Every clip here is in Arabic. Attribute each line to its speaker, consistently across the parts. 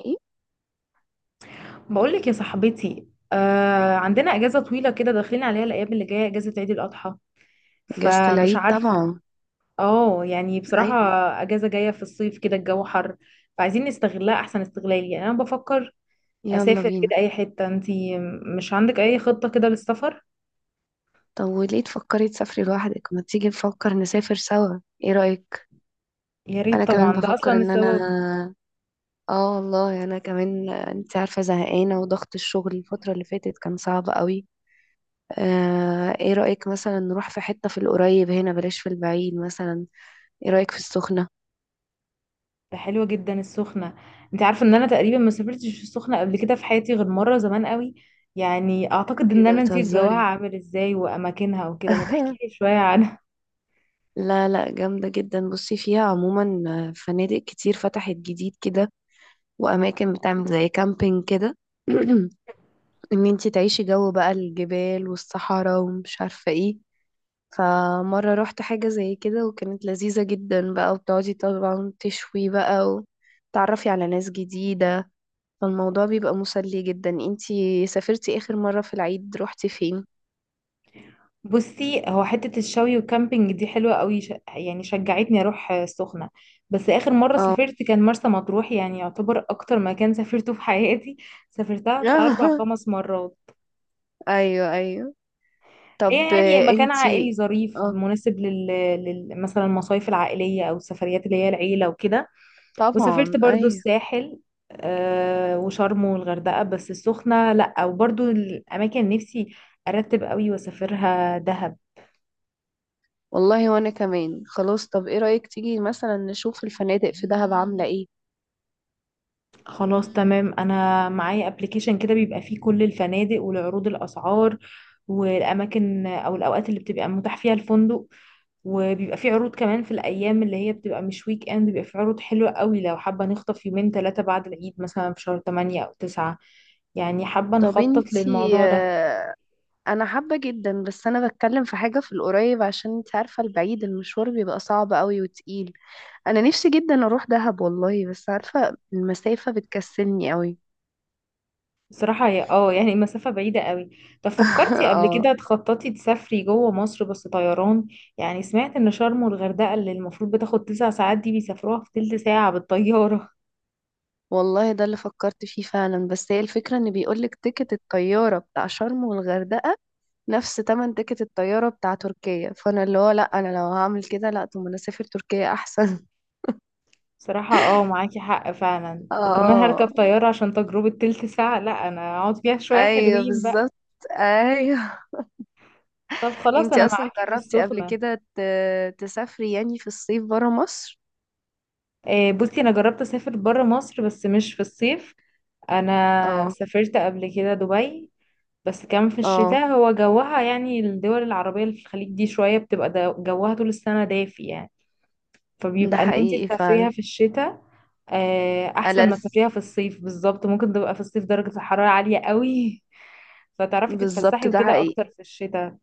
Speaker 1: ايه.
Speaker 2: بقولك يا صاحبتي، عندنا اجازه طويله كده داخلين عليها الايام اللي جايه اجازه عيد الاضحى،
Speaker 1: اجازة
Speaker 2: فمش
Speaker 1: العيد
Speaker 2: عارف.
Speaker 1: طبعا.
Speaker 2: اه يعني بصراحه
Speaker 1: اي،
Speaker 2: اجازه جايه في الصيف كده الجو حر، فعايزين نستغلها احسن استغلال. يعني انا بفكر
Speaker 1: يلا
Speaker 2: اسافر كده
Speaker 1: بينا.
Speaker 2: اي حته. انتي مش عندك اي خطه كده للسفر؟
Speaker 1: طب وليه تفكري تسافري لوحدك؟ ما تيجي نفكر نسافر سوا، ايه رأيك؟
Speaker 2: يا
Speaker 1: انا
Speaker 2: ريت
Speaker 1: كمان
Speaker 2: طبعا، ده اصلا
Speaker 1: بفكر ان
Speaker 2: السبب.
Speaker 1: انا. اه والله انا كمان، انت عارفة زهقانة وضغط الشغل الفترة اللي فاتت كان صعب قوي. ايه رأيك مثلا نروح في حتة في القريب هنا، بلاش في البعيد مثلا. ايه رأيك في السخنة؟
Speaker 2: ده حلوه جدا السخنه. انت عارفه ان انا تقريبا ما سافرتش السخنه قبل كده في حياتي غير مره زمان قوي، يعني اعتقد
Speaker 1: ايه
Speaker 2: ان
Speaker 1: ده
Speaker 2: انا نسيت جواها
Speaker 1: بتهزري؟
Speaker 2: عامل ازاي واماكنها وكده. ما تحكيلي شويه عنها.
Speaker 1: لا لا، جامدة جدا. بصي فيها عموما فنادق كتير فتحت جديد كده، وأماكن بتعمل زي كامبينج كده. إن انتي تعيشي جو بقى الجبال والصحراء ومش عارفة ايه. فمرة روحت حاجة زي كده وكانت لذيذة جدا بقى، وبتقعدي طبعا تشوي بقى وتعرفي على ناس جديدة. فالموضوع بيبقى مسلي جدا. انتي سافرتي آخر مرة في العيد روحتي فين؟
Speaker 2: بصي، هو حتة الشوي والكامبينج دي حلوة قوي، يعني شجعتني اروح سخنة. بس اخر مرة
Speaker 1: اه.
Speaker 2: سافرت كان مرسى مطروح، يعني يعتبر اكتر مكان سافرته في حياتي. سافرتها بتاع اربع خمس مرات.
Speaker 1: ايوه ايوه.
Speaker 2: هي
Speaker 1: طب
Speaker 2: يعني مكان
Speaker 1: انتي.
Speaker 2: عائلي ظريف
Speaker 1: اه.
Speaker 2: مناسب مثلا المصايف العائلية او السفريات اللي هي العيلة وكده.
Speaker 1: طبعا
Speaker 2: وسافرت برضو
Speaker 1: ايوه.
Speaker 2: الساحل وشرم والغردقة، بس السخنة لا، وبرضو الاماكن نفسي ارتب قوي واسافرها دهب.
Speaker 1: والله وانا كمان خلاص. طب ايه رأيك تيجي مثلا نشوف الفنادق في دهب عاملة ايه؟
Speaker 2: خلاص تمام، انا معايا ابلكيشن كده بيبقى فيه كل الفنادق والعروض الاسعار والاماكن او الاوقات اللي بتبقى متاح فيها الفندق، وبيبقى فيه عروض كمان في الايام اللي هي بتبقى مش ويك اند، بيبقى فيه عروض حلوه قوي لو حابه نخطف يومين ثلاثه بعد العيد مثلا في شهر 8 او 9. يعني حابه
Speaker 1: طب
Speaker 2: نخطط
Speaker 1: انتي
Speaker 2: للموضوع ده.
Speaker 1: انا حابة جدا، بس انا بتكلم في حاجة في القريب عشان انت عارفة البعيد المشوار بيبقى صعب قوي وتقيل. انا نفسي جدا اروح دهب والله، بس عارفة المسافة بتكسلني قوي.
Speaker 2: بصراحة، هي يعني مسافة بعيدة قوي. طب فكرتي قبل
Speaker 1: اه
Speaker 2: كده تخططي تسافري جوه مصر بس طيران؟ يعني سمعت ان شرم والغردقة اللي المفروض بتاخد تسع ساعات دي بيسافروها في تلت ساعة بالطيارة.
Speaker 1: والله ده اللي فكرت فيه فعلا، بس هي الفكرة ان بيقولك تيكت الطيارة بتاع شرم والغردقة نفس تمن تيكت الطيارة بتاع تركيا. فانا اللي هو لا، انا لو هعمل كده لا، طب ما انا اسافر تركيا احسن.
Speaker 2: بصراحة اه معاكي حق فعلا، وكمان
Speaker 1: اه
Speaker 2: هركب طيارة عشان تجربة تلت ساعة لا انا اقعد فيها شوية
Speaker 1: ايوه
Speaker 2: حلوين بقى.
Speaker 1: بالظبط. ايوه.
Speaker 2: طب خلاص
Speaker 1: انتي
Speaker 2: انا
Speaker 1: اصلا
Speaker 2: معاكي في
Speaker 1: جربتي قبل
Speaker 2: السخنة.
Speaker 1: كده تسافري يعني في الصيف برا مصر؟
Speaker 2: بصي انا جربت اسافر برا مصر بس مش في الصيف. انا
Speaker 1: اه.
Speaker 2: سافرت قبل كده دبي، بس كمان في
Speaker 1: اه
Speaker 2: الشتاء. هو جوها، يعني الدول العربية اللي في الخليج دي شوية بتبقى جوها طول السنة دافي، يعني
Speaker 1: ده
Speaker 2: فبيبقى ان انتي
Speaker 1: حقيقي فعلا.
Speaker 2: تسافريها في الشتاء. احسن ما
Speaker 1: ألس.
Speaker 2: تسافريها في الصيف. بالظبط، ممكن تبقى في الصيف درجة الحرارة عالية قوي. فتعرفي
Speaker 1: بالظبط
Speaker 2: تتفسحي
Speaker 1: ده
Speaker 2: وكده
Speaker 1: حقيقي.
Speaker 2: اكتر في الشتاء.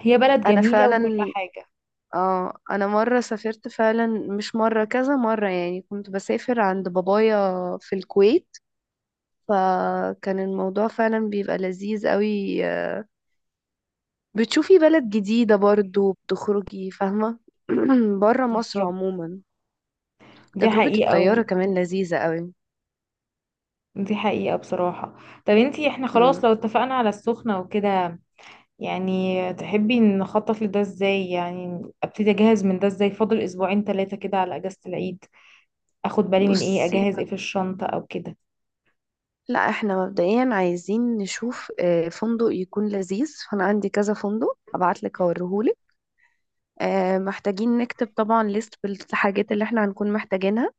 Speaker 2: هي بلد
Speaker 1: انا
Speaker 2: جميلة وكل
Speaker 1: فعلا.
Speaker 2: حاجة.
Speaker 1: اه انا مره سافرت فعلا، مش مره كذا مره، يعني كنت بسافر عند بابايا في الكويت. فكان الموضوع فعلا بيبقى لذيذ قوي. بتشوفي بلد جديده برضو، بتخرجي فاهمه. بره مصر
Speaker 2: بالظبط،
Speaker 1: عموما.
Speaker 2: دي
Speaker 1: تجربة
Speaker 2: حقيقة
Speaker 1: الطيارة كمان لذيذة قوي.
Speaker 2: دي حقيقة بصراحة. طب انتي، احنا خلاص
Speaker 1: مم.
Speaker 2: لو اتفقنا على السخنة وكده، يعني تحبي نخطط لده ازاي؟ يعني ابتدي اجهز من ده ازاي؟ فاضل اسبوعين ثلاثة كده على اجازة العيد. اخد بالي من ايه،
Speaker 1: بصي،
Speaker 2: اجهز ايه في الشنطة او كده.
Speaker 1: لا احنا مبدئيا عايزين نشوف فندق يكون لذيذ، فانا عندي كذا فندق ابعت لك اوريهولك. محتاجين نكتب طبعا ليست بالحاجات اللي احنا هنكون محتاجينها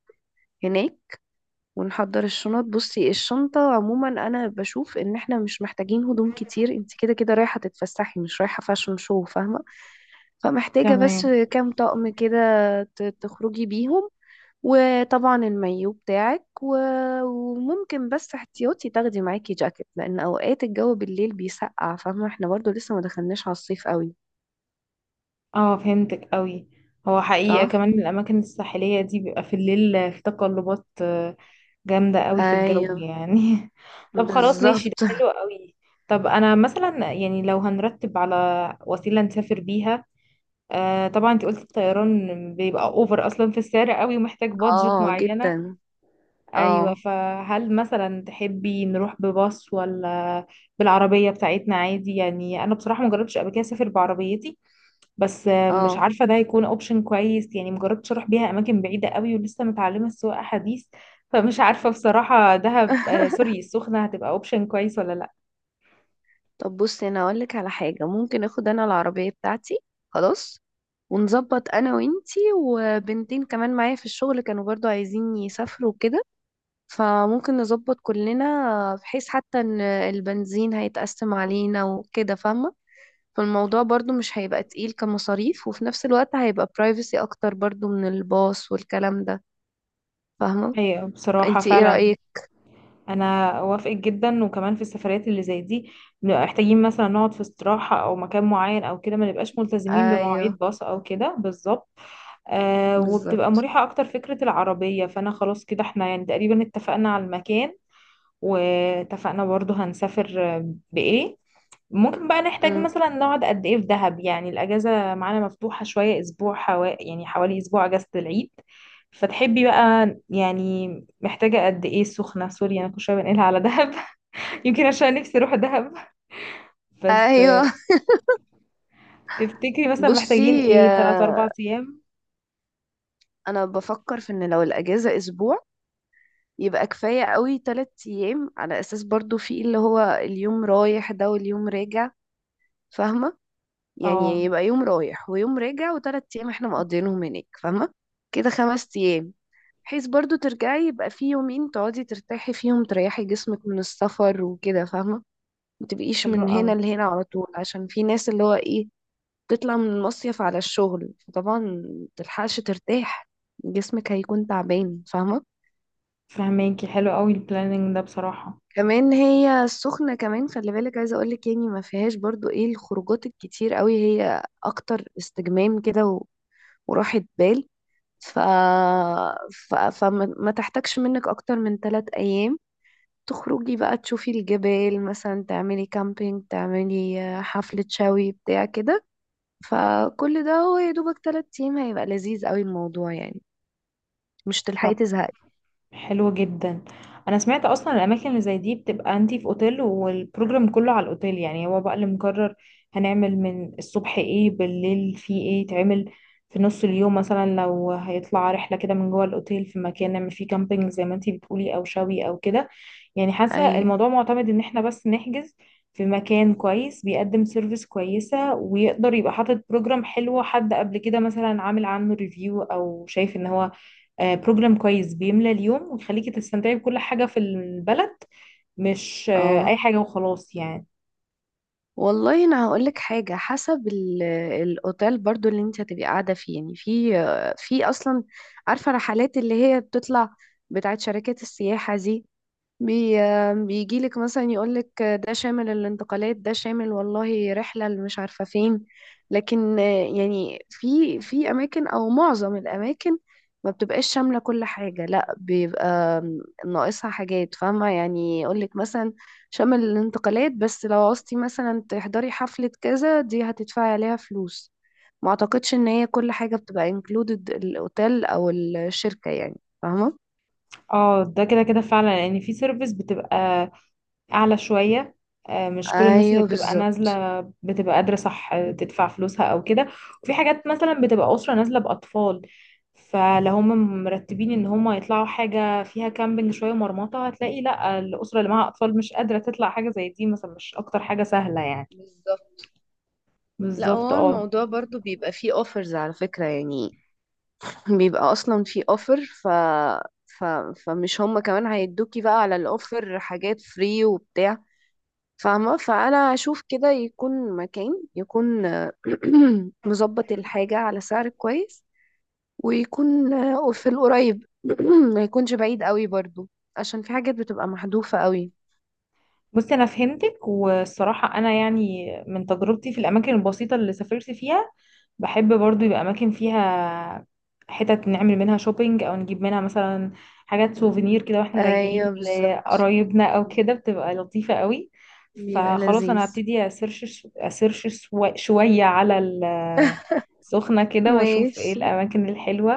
Speaker 1: هناك، ونحضر الشنط. بصي الشنطة عموما انا بشوف ان احنا مش محتاجين هدوم كتير. انت كده كده رايحة تتفسحي مش رايحة فاشن شو فاهمة. فمحتاجة بس
Speaker 2: تمام.
Speaker 1: كام طقم كده تخرجي بيهم، وطبعا المايو بتاعك وممكن بس احتياطي تاخدي معاكي جاكيت، لان اوقات الجو بالليل بيسقع فاهمه، احنا برضو لسه ما دخلناش على الصيف قوي.
Speaker 2: اه فهمتك قوي. هو حقيقة
Speaker 1: صح.
Speaker 2: كمان الاماكن الساحلية دي بيبقى في الليل في تقلبات جامدة قوي في الجو،
Speaker 1: ايوه
Speaker 2: يعني طب خلاص، ماشي، ده
Speaker 1: بالظبط.
Speaker 2: حلو قوي. طب انا مثلا يعني لو هنرتب على وسيلة نسافر بيها. آه طبعا، انت قلت الطيران بيبقى اوفر اصلا في السعر قوي ومحتاج بادجت
Speaker 1: اه
Speaker 2: معينة.
Speaker 1: جدا.
Speaker 2: ايوه،
Speaker 1: اه.
Speaker 2: فهل مثلا تحبي نروح بباص ولا بالعربيه بتاعتنا عادي؟ يعني انا بصراحه مجربتش قبل كده اسافر بعربيتي، بس مش
Speaker 1: اه.
Speaker 2: عارفه ده هيكون اوبشن كويس، يعني مجربتش اروح بيها اماكن بعيده قوي ولسه متعلمه السواقه حديث. فمش عارفه بصراحه دهب سوري السخنه هتبقى اوبشن كويس ولا لا؟
Speaker 1: طب بصي انا اقول لك على حاجه، ممكن اخد انا العربيه بتاعتي، خلاص، ونظبط انا وانتي وبنتين كمان معايا في الشغل كانوا برضو عايزين يسافروا كده. فممكن نظبط كلنا بحيث حتى ان البنزين هيتقسم علينا وكده فاهمة. فالموضوع برضو مش هيبقى تقيل كمصاريف، وفي نفس الوقت هيبقى برايفسي اكتر برضو من الباص والكلام ده فاهمة.
Speaker 2: ايوه بصراحه
Speaker 1: انتي ايه
Speaker 2: فعلا.
Speaker 1: رأيك؟
Speaker 2: انا اوافقك جدا، وكمان في السفرات اللي زي دي بنبقى محتاجين مثلا نقعد في استراحه او مكان معين او كده، ما نبقاش ملتزمين
Speaker 1: ايوه
Speaker 2: بمواعيد باص او كده. بالظبط. وبتبقى
Speaker 1: بالظبط.
Speaker 2: مريحة أكتر فكرة العربية. فأنا خلاص، كده احنا يعني تقريبا اتفقنا على المكان، واتفقنا برضو هنسافر بإيه. ممكن بقى نحتاج
Speaker 1: مم.
Speaker 2: مثلا نقعد قد إيه في دهب؟ يعني الأجازة معانا مفتوحة شوية، أسبوع يعني حوالي أسبوع أجازة العيد. فتحبي بقى يعني محتاجة قد إيه السخنة؟ سوري، أنا كل شوية بنقلها على دهب. يمكن عشان نفسي أروح دهب. بس
Speaker 1: ايوه.
Speaker 2: تفتكري مثلا محتاجين
Speaker 1: بصي،
Speaker 2: إيه، تلات أربع
Speaker 1: آه،
Speaker 2: أيام؟
Speaker 1: انا بفكر في ان لو الاجازه اسبوع، يبقى كفايه قوي تلات ايام، على اساس برضو في اللي هو اليوم رايح ده واليوم راجع فاهمه.
Speaker 2: اه
Speaker 1: يعني يبقى يوم رايح ويوم راجع وتلات ايام احنا مقضيينهم هناك فاهمة. كده خمس ايام. بحيث برضو ترجعي يبقى في يومين تقعدي ترتاحي فيهم تريحي جسمك من السفر وكده فاهمة. ما تبقيش
Speaker 2: حلو
Speaker 1: من
Speaker 2: أوي.
Speaker 1: هنا لهنا على طول، عشان في ناس اللي هو ايه، تطلع من المصيف على الشغل فطبعا متلحقش ترتاح، جسمك هيكون تعبان فاهمة.
Speaker 2: فهماكي، حلو قوي البلاننج ده بصراحة.
Speaker 1: كمان هي السخنة كمان خلي بالك عايزة اقولك، يعني ما فيهاش برضو ايه الخروجات الكتير قوي، هي اكتر استجمام كده و- وراحة بال. ف... ف... فما ما تحتاجش منك اكتر من ثلاث ايام، تخرجي بقى تشوفي الجبال مثلا، تعملي كامبينج تعملي حفلة شوي بتاع كده. فكل ده هو يا دوبك ثلاث ايام، هيبقى لذيذ قوي الموضوع يعني، مش تلحقي
Speaker 2: طب
Speaker 1: تزهقي.
Speaker 2: حلو جدا. انا سمعت اصلا الاماكن اللي زي دي بتبقى انتي في اوتيل والبروجرام كله على الاوتيل، يعني هو بقى اللي مقرر هنعمل من الصبح ايه، بالليل في ايه تعمل، في نص اليوم مثلا لو هيطلع رحلة كده من جوه الاوتيل في مكان نعمل فيه كامبينج زي ما انتي بتقولي او شوي او كده. يعني حاسة
Speaker 1: ايوه.
Speaker 2: الموضوع معتمد ان احنا بس نحجز في مكان كويس بيقدم سيرفيس كويسة ويقدر يبقى حاطط بروجرام حلو، حد قبل كده مثلا عامل عنه ريفيو او شايف ان هو بروجرام كويس بيملى اليوم ويخليكي تستمتعي بكل حاجة في البلد، مش
Speaker 1: اه
Speaker 2: أي حاجة وخلاص يعني.
Speaker 1: والله انا هقولك حاجه، حسب الاوتيل برضو اللي انت هتبقي قاعده فيه. يعني في اصلا، عارفه رحلات اللي هي بتطلع بتاعت شركات السياحه دي. بي بيجي لك مثلا يقول لك ده شامل الانتقالات، ده شامل والله رحلة اللي مش عارفة فين. لكن يعني في أماكن أو معظم الأماكن ما بتبقاش شاملة كل حاجة، لا بيبقى ناقصها حاجات فاهمة. يعني يقول لك مثلا شامل الانتقالات، بس لو عوزتي مثلا تحضري حفلة كذا، دي هتدفعي عليها فلوس. ما اعتقدش ان هي كل حاجة بتبقى included الاوتيل او الشركة يعني فاهمة.
Speaker 2: اه، ده كده كده فعلا، لأن في سيرفيس بتبقى أعلى شوية مش كل الناس اللي
Speaker 1: ايوه
Speaker 2: بتبقى
Speaker 1: بالظبط.
Speaker 2: نازلة بتبقى قادرة، صح، تدفع فلوسها أو كده. وفي حاجات مثلا بتبقى أسرة نازلة بأطفال، فلو هم مرتبين ان هم يطلعوا حاجة فيها كامبينج شوية مرمطة، هتلاقي لا الأسرة اللي معاها أطفال مش قادرة تطلع حاجة زي دي، مثلا مش أكتر حاجة سهلة يعني.
Speaker 1: بالظبط. لا
Speaker 2: بالظبط
Speaker 1: هو
Speaker 2: اه.
Speaker 1: الموضوع برضو بيبقى فيه اوفرز على فكرة يعني، بيبقى اصلا فيه اوفر، ف... فمش هما كمان هيدوكي بقى على الاوفر حاجات فري وبتاع فاهمة. فانا اشوف كده يكون مكان، يكون مظبط الحاجة على سعر كويس، ويكون في القريب، ما يكونش بعيد قوي برضو، عشان في حاجات بتبقى محذوفة قوي.
Speaker 2: بصي انا فهمتك، والصراحه انا يعني من تجربتي في الاماكن البسيطه اللي سافرت فيها، بحب برضو يبقى اماكن فيها حتت نعمل منها شوبينج، او نجيب منها مثلا حاجات سوفينير كده واحنا راجعين
Speaker 1: ايوه بالظبط.
Speaker 2: لقرايبنا او كده، بتبقى لطيفه قوي.
Speaker 1: بيبقى
Speaker 2: فخلاص، انا
Speaker 1: لذيذ.
Speaker 2: هبتدي اسيرش شويه على السخنه كده واشوف ايه
Speaker 1: ماشي.
Speaker 2: الاماكن الحلوه،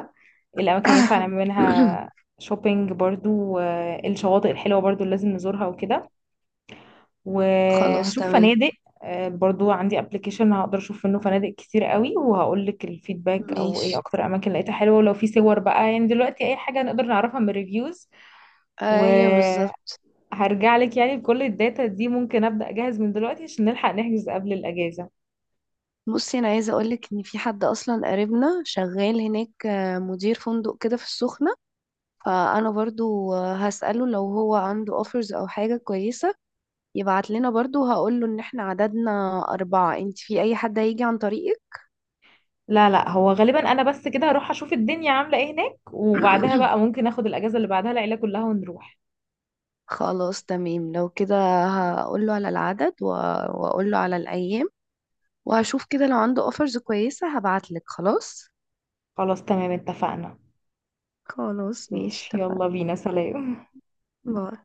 Speaker 2: إيه الاماكن اللي ينفع نعمل منها شوبينج برضو، الشواطئ الحلوه برضو اللي لازم نزورها وكده.
Speaker 1: خلاص
Speaker 2: وهشوف
Speaker 1: تمام.
Speaker 2: فنادق برضو عندي ابلكيشن هقدر اشوف منه فنادق كتير قوي، وهقول لك الفيدباك او ايه
Speaker 1: ماشي.
Speaker 2: اكتر اماكن لقيتها حلوه، ولو في صور بقى. يعني دلوقتي اي حاجه نقدر نعرفها من الريفيوز.
Speaker 1: ايوه
Speaker 2: وهرجع
Speaker 1: بالظبط.
Speaker 2: لك يعني بكل الداتا دي، ممكن ابدا اجهز من دلوقتي عشان نلحق نحجز قبل الاجازه.
Speaker 1: بصي انا عايزه اقولك ان في حد اصلا قريبنا شغال هناك مدير فندق كده في السخنه. فانا برضو هسأله لو هو عنده اوفرز او حاجه كويسه يبعت لنا برضو. هقوله ان احنا عددنا اربعه، انت في اي حد هيجي عن طريقك؟
Speaker 2: لا لا، هو غالبا انا بس كده هروح اشوف الدنيا عامله ايه هناك، وبعدها بقى ممكن اخد الاجازه اللي بعدها العيله كلها ونروح.
Speaker 1: خلاص تمام لو كده، هقوله على العدد واقوله على الايام، وهشوف كده لو عنده اوفرز كويسه هبعتلك خلاص.
Speaker 2: خلاص تمام، اتفقنا.
Speaker 1: خلاص ماشي
Speaker 2: ماشي،
Speaker 1: اتفقنا.
Speaker 2: يلا بينا، سلام.
Speaker 1: باي.